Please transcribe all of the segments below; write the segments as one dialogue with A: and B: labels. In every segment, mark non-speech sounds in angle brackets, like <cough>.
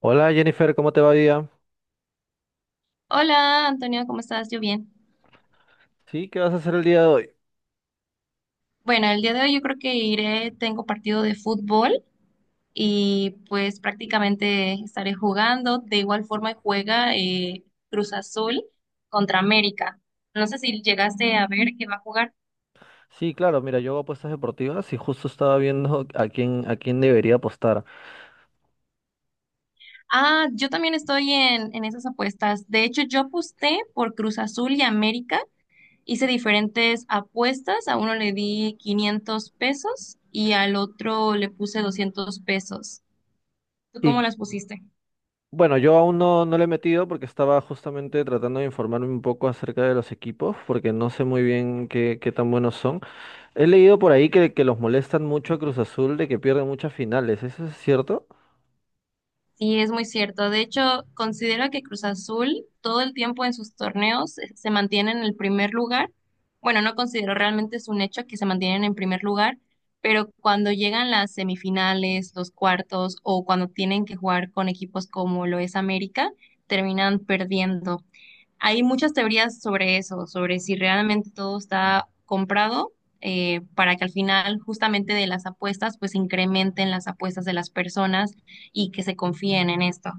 A: Hola Jennifer, ¿cómo te va día?
B: Hola Antonio, ¿cómo estás? Yo bien.
A: Sí, ¿qué vas a hacer el día de hoy?
B: Bueno, el día de hoy yo creo que iré, tengo partido de fútbol y pues prácticamente estaré jugando. De igual forma juega Cruz Azul contra América. No sé si llegaste a ver que va a jugar.
A: Sí, claro, mira, yo hago apuestas deportivas y justo estaba viendo <laughs> a quién debería apostar.
B: Ah, yo también estoy en esas apuestas. De hecho, yo aposté por Cruz Azul y América. Hice diferentes apuestas. A uno le di 500 pesos y al otro le puse 200 pesos. ¿Tú cómo
A: Y
B: las pusiste?
A: bueno, yo aún no le he metido porque estaba justamente tratando de informarme un poco acerca de los equipos, porque no sé muy bien qué, qué tan buenos son. He leído por ahí que los molestan mucho a Cruz Azul de que pierden muchas finales, ¿eso es cierto?
B: Sí, es muy cierto. De hecho, considero que Cruz Azul todo el tiempo en sus torneos se mantiene en el primer lugar. Bueno, no considero realmente, es un hecho que se mantienen en primer lugar, pero cuando llegan las semifinales, los cuartos o cuando tienen que jugar con equipos como lo es América, terminan perdiendo. Hay muchas teorías sobre eso, sobre si realmente todo está comprado para que al final justamente de las apuestas pues incrementen las apuestas de las personas y que se confíen en esto.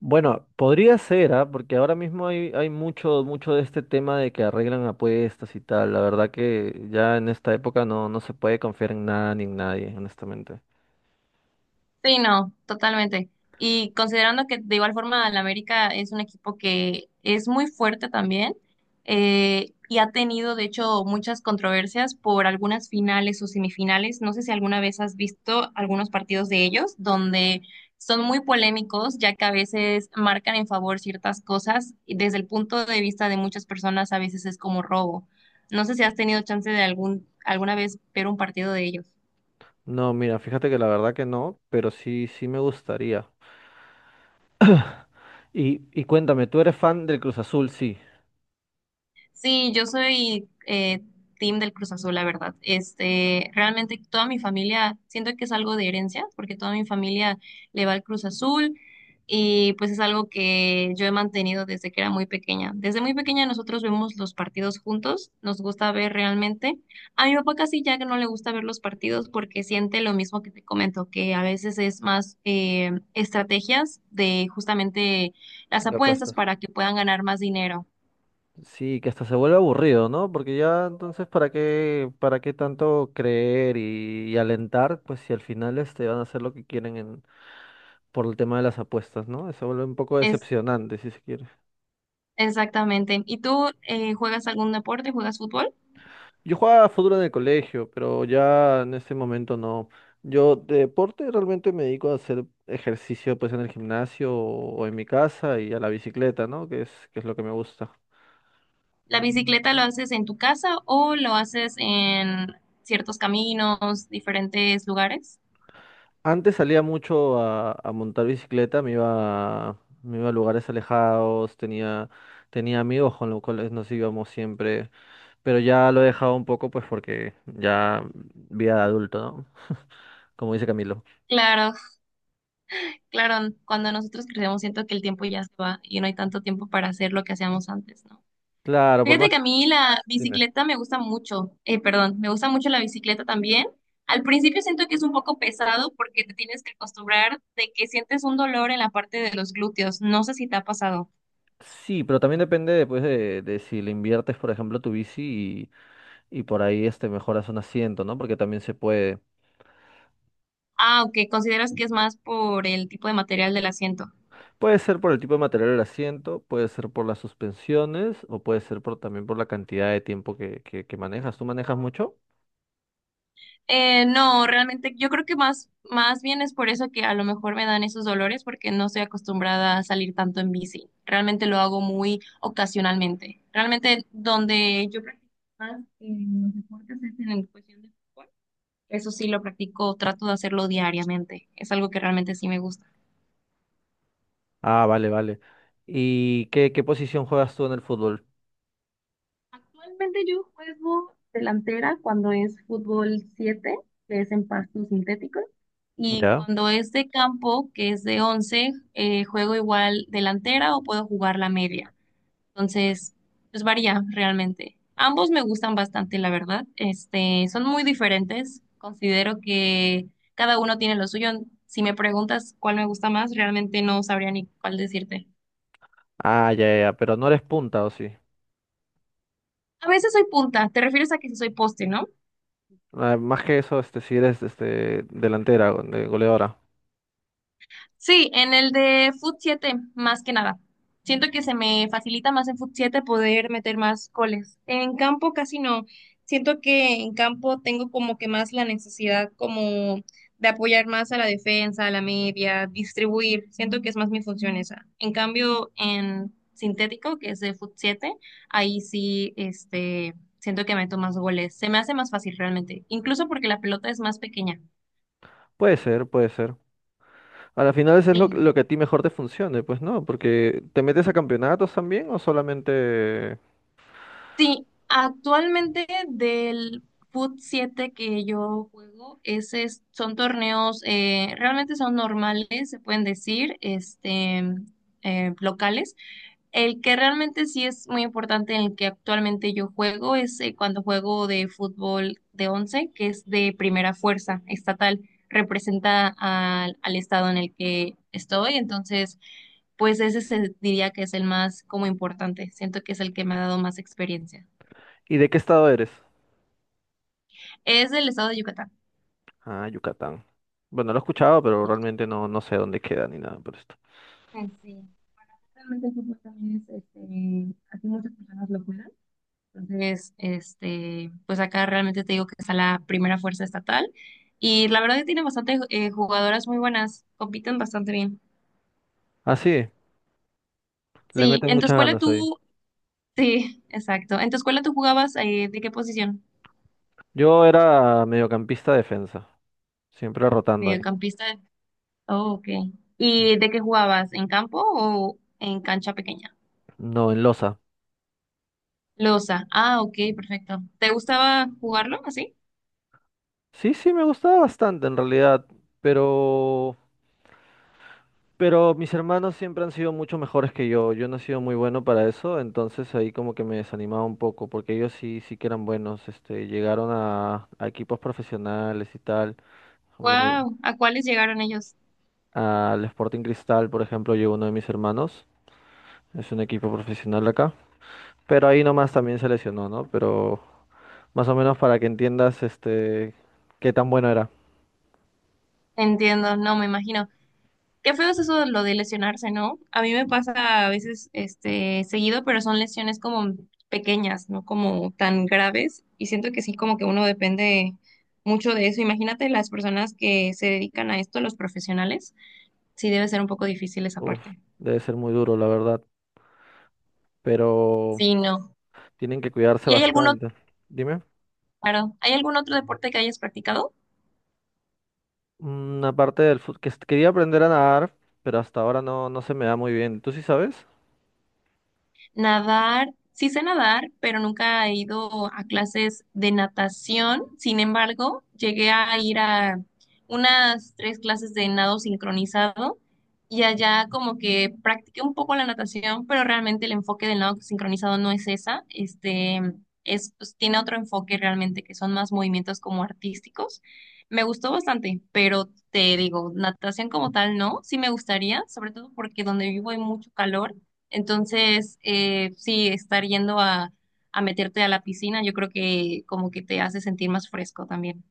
A: Bueno, podría ser, ¿ah? Porque ahora mismo hay mucho, mucho de este tema de que arreglan apuestas y tal. La verdad que ya en esta época no se puede confiar en nada ni en nadie, honestamente.
B: Sí, no, totalmente. Y considerando que de igual forma el América es un equipo que es muy fuerte también y ha tenido de hecho muchas controversias por algunas finales o semifinales. No sé si alguna vez has visto algunos partidos de ellos donde son muy polémicos ya que a veces marcan en favor ciertas cosas y desde el punto de vista de muchas personas a veces es como robo. No sé si has tenido chance de algún alguna vez ver un partido de ellos.
A: No, mira, fíjate que la verdad que no, pero sí, sí me gustaría. Y cuéntame, ¿tú eres fan del Cruz Azul? Sí.
B: Sí, yo soy team del Cruz Azul, la verdad. Este, realmente toda mi familia, siento que es algo de herencia, porque toda mi familia le va al Cruz Azul y pues es algo que yo he mantenido desde que era muy pequeña. Desde muy pequeña nosotros vemos los partidos juntos, nos gusta ver realmente. A mi papá casi ya que no le gusta ver los partidos porque siente lo mismo que te comento, que a veces es más estrategias de justamente las
A: De
B: apuestas
A: apuestas.
B: para que puedan ganar más dinero.
A: Sí, que hasta se vuelve aburrido, ¿no? Porque ya entonces, para qué tanto creer y alentar? Pues si al final este, van a hacer lo que quieren por el tema de las apuestas, ¿no? Se vuelve un poco
B: Es
A: decepcionante, si se quiere.
B: Exactamente. ¿Y tú juegas algún deporte? ¿Juegas fútbol?
A: Yo jugaba fútbol en el colegio, pero ya en este momento no. Yo de deporte realmente me dedico a hacer ejercicio pues en el gimnasio o en mi casa y a la bicicleta, ¿no? Que es lo que me gusta.
B: ¿La bicicleta lo haces en tu casa o lo haces en ciertos caminos, diferentes lugares?
A: Antes salía mucho a montar bicicleta, me iba, me iba a lugares alejados, tenía amigos con los cuales nos íbamos siempre, pero ya lo he dejado un poco pues porque ya vida de adulto, ¿no? Como dice Camilo.
B: Claro, claro. Cuando nosotros crecemos siento que el tiempo ya se va y no hay tanto tiempo para hacer lo que hacíamos antes, ¿no?
A: Claro, por
B: Fíjate
A: más,
B: que a mí la
A: dime.
B: bicicleta me gusta mucho. Perdón, me gusta mucho la bicicleta también. Al principio siento que es un poco pesado porque te tienes que acostumbrar de que sientes un dolor en la parte de los glúteos. No sé si te ha pasado.
A: Sí, pero también depende después de si le inviertes, por ejemplo, tu bici y por ahí este mejoras un asiento, ¿no? Porque también se puede,
B: Ah, ok, ¿consideras que es más por el tipo de material del asiento?
A: puede ser por el tipo de material del asiento, puede ser por las suspensiones o puede ser por también por la cantidad de tiempo que manejas. ¿Tú manejas mucho?
B: No, realmente yo creo que más bien es por eso que a lo mejor me dan esos dolores porque no estoy acostumbrada a salir tanto en bici. Realmente lo hago muy ocasionalmente. Realmente donde yo practico más los deportes es en cuestión de fútbol. Eso sí lo practico, trato de hacerlo diariamente. Es algo que realmente sí me gusta.
A: Ah, vale, vale. ¿Y qué, qué posición juegas tú en el fútbol?
B: Actualmente yo juego delantera cuando es fútbol 7, que es en pasto sintético, y
A: ¿Ya?
B: cuando es de campo, que es de once, juego igual delantera o puedo jugar la media. Entonces, pues varía realmente. Ambos me gustan bastante, la verdad. Este, son muy diferentes. Considero que cada uno tiene lo suyo. Si me preguntas cuál me gusta más, realmente no sabría ni cuál decirte.
A: Ah, ya, ya, ya, pero no eres punta, ¿o sí?
B: A veces soy punta, te refieres a que sí soy poste, ¿no?
A: Ah, más que eso, este, si eres este delantera, de goleadora.
B: Sí, en el de Foot 7, más que nada. Siento que se me facilita más en Foot 7 poder meter más goles. En campo casi no. Siento que en campo tengo como que más la necesidad como de apoyar más a la defensa, a la media, distribuir. Siento que es más mi función esa. En cambio, en sintético, que es de Foot 7, ahí sí, este, siento que meto más goles. Se me hace más fácil realmente, incluso porque la pelota es más pequeña.
A: Puede ser, puede ser. A la final eso es lo que a ti mejor te funcione, pues no, porque ¿te metes a campeonatos también o solamente...
B: Sí, actualmente del FUT 7 que yo juego, son torneos, realmente son normales, se pueden decir, este, locales. El que realmente sí es muy importante, en el que actualmente yo juego, es cuando juego de fútbol de 11, que es de primera fuerza estatal, representa al, al estado en el que estoy, entonces pues ese se diría que es el más como importante. Siento que es el que me ha dado más experiencia.
A: ¿Y de qué estado eres?
B: Es del estado de Yucatán.
A: Ah, Yucatán. Bueno, lo he escuchado, pero realmente no, no sé dónde queda ni nada por esto.
B: Ah, sí, realmente el fútbol también es, este, así muchas personas lo juegan. Entonces, este, pues acá realmente te digo que está la primera fuerza estatal y la verdad que tiene bastante jugadoras muy buenas, compiten bastante bien.
A: Ah, sí, le
B: Sí,
A: meten
B: en tu
A: muchas
B: escuela
A: ganas ahí.
B: tú, sí, exacto. ¿En tu escuela tú jugabas de qué posición?
A: Yo era mediocampista defensa, siempre rotando ahí.
B: Mediocampista. Oh, ok.
A: Sí.
B: ¿Y de qué jugabas? ¿En campo o en cancha pequeña?
A: No, en Loza.
B: Losa. Ah, ok, perfecto. ¿Te gustaba jugarlo así?
A: Sí, sí, me gustaba bastante en realidad, pero Pero mis hermanos siempre han sido mucho mejores que yo. Yo no he sido muy bueno para eso, entonces ahí como que me desanimaba un poco, porque ellos sí, sí que eran buenos. Este, llegaron a equipos profesionales y tal. Por ejemplo,
B: Wow, ¿a cuáles llegaron ellos?
A: al Sporting Cristal, por ejemplo, llegó uno de mis hermanos. Es un equipo profesional de acá. Pero ahí nomás también se lesionó, ¿no? Pero más o menos para que entiendas, este, qué tan bueno era.
B: Entiendo, no me imagino. Qué feo es eso de lo de lesionarse, ¿no? A mí me pasa a veces este seguido, pero son lesiones como pequeñas, no como tan graves y siento que sí como que uno depende mucho de eso. Imagínate las personas que se dedican a esto, los profesionales. Sí debe ser un poco difícil esa
A: Uf,
B: parte.
A: debe ser muy duro, la verdad. Pero
B: Sí, no.
A: tienen que cuidarse
B: ¿Y hay alguno
A: bastante. Dime.
B: Claro. ¿Hay algún otro deporte que hayas practicado?
A: Una parte del fútbol que quería aprender a nadar, pero hasta ahora no, no se me da muy bien. ¿Tú sí sabes?
B: Nadar, sí sé nadar, pero nunca he ido a clases de natación. Sin embargo, llegué a ir a unas tres clases de nado sincronizado y allá como que practiqué un poco la natación, pero realmente el enfoque del nado sincronizado no es esa. Este es, pues, tiene otro enfoque realmente que son más movimientos como artísticos. Me gustó bastante, pero te digo, natación como tal no, sí me gustaría, sobre todo porque donde vivo hay mucho calor, entonces, sí, estar yendo a, meterte a la piscina, yo creo que como que te hace sentir más fresco también.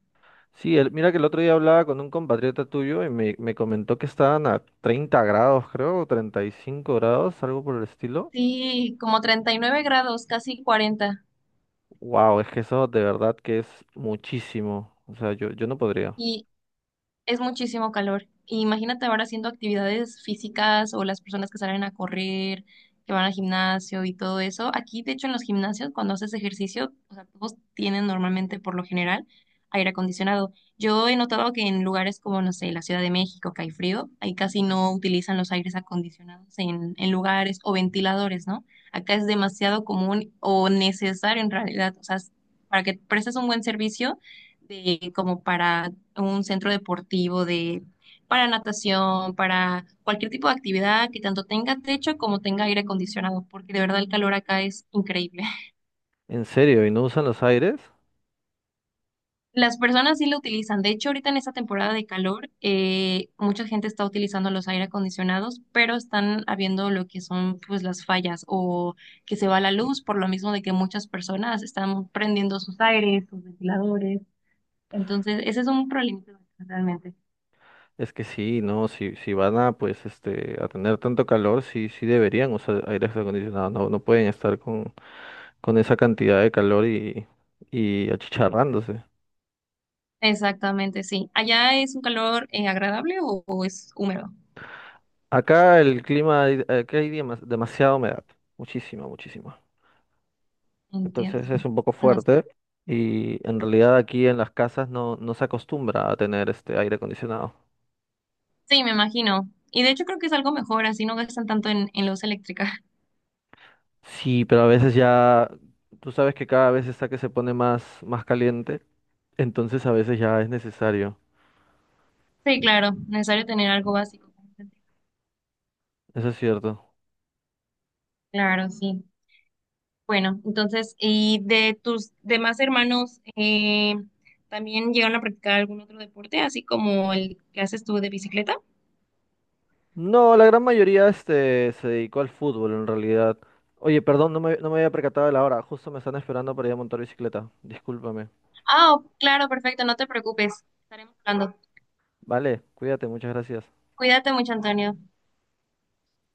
A: Sí, el- mira que el otro día hablaba con un compatriota tuyo y me comentó que estaban a 30 grados, creo, o 35 grados, algo por el estilo.
B: Sí, como 39 grados, casi 40.
A: Wow, es que eso de verdad que es muchísimo. O sea, yo no podría.
B: Y, Es muchísimo calor. Y imagínate ahora haciendo actividades físicas o las personas que salen a correr, que van al gimnasio y todo eso. Aquí, de hecho, en los gimnasios, cuando haces ejercicio, o sea, todos tienen normalmente, por lo general, aire acondicionado. Yo he notado que en lugares como, no sé, la Ciudad de México, que hay frío, ahí casi no utilizan los aires acondicionados en lugares o ventiladores, ¿no? Acá es demasiado común o necesario en realidad. O sea, para que prestes un buen servicio de como para un centro deportivo de, para natación, para cualquier tipo de actividad que tanto tenga techo como tenga aire acondicionado, porque de verdad el calor acá es increíble. <laughs>
A: ¿En serio? ¿Y no usan los aires?
B: Las personas sí lo utilizan. De hecho, ahorita en esta temporada de calor, mucha gente está utilizando los aire acondicionados, pero están habiendo lo que son pues las fallas o que se va la luz por lo mismo de que muchas personas están prendiendo sus aires, sus ventiladores. Entonces, ese es un problema realmente.
A: Es que sí, no, si van a pues este a tener tanto calor, sí, sí deberían usar aire acondicionado, no, no pueden estar con esa cantidad de calor y achicharrándose.
B: Exactamente, sí. ¿Allá es un calor agradable o es húmedo?
A: Acá el clima, acá hay demasiada humedad, muchísima, muchísima.
B: Entiendo.
A: Entonces es un poco
B: No sé.
A: fuerte y en realidad aquí en las casas no, no se acostumbra a tener este aire acondicionado.
B: Sí, me imagino. Y de hecho creo que es algo mejor, así no gastan tanto en luz eléctrica. <laughs>
A: Sí, pero a veces ya, tú sabes que cada vez está que se pone más, más caliente, entonces a veces ya es necesario.
B: Sí, claro, necesario tener algo básico.
A: Eso es cierto.
B: Claro, sí. Bueno, entonces, ¿y de tus demás hermanos también llegaron a practicar algún otro deporte, así como el que haces tú de bicicleta?
A: No, la gran mayoría este, se dedicó al fútbol en realidad. Oye, perdón, no no me había percatado de la hora. Justo me están esperando para ir a montar bicicleta. Discúlpame.
B: Ah, claro, perfecto, no te preocupes. Estaremos hablando.
A: Vale, cuídate, muchas gracias.
B: Cuídate mucho, Antonio.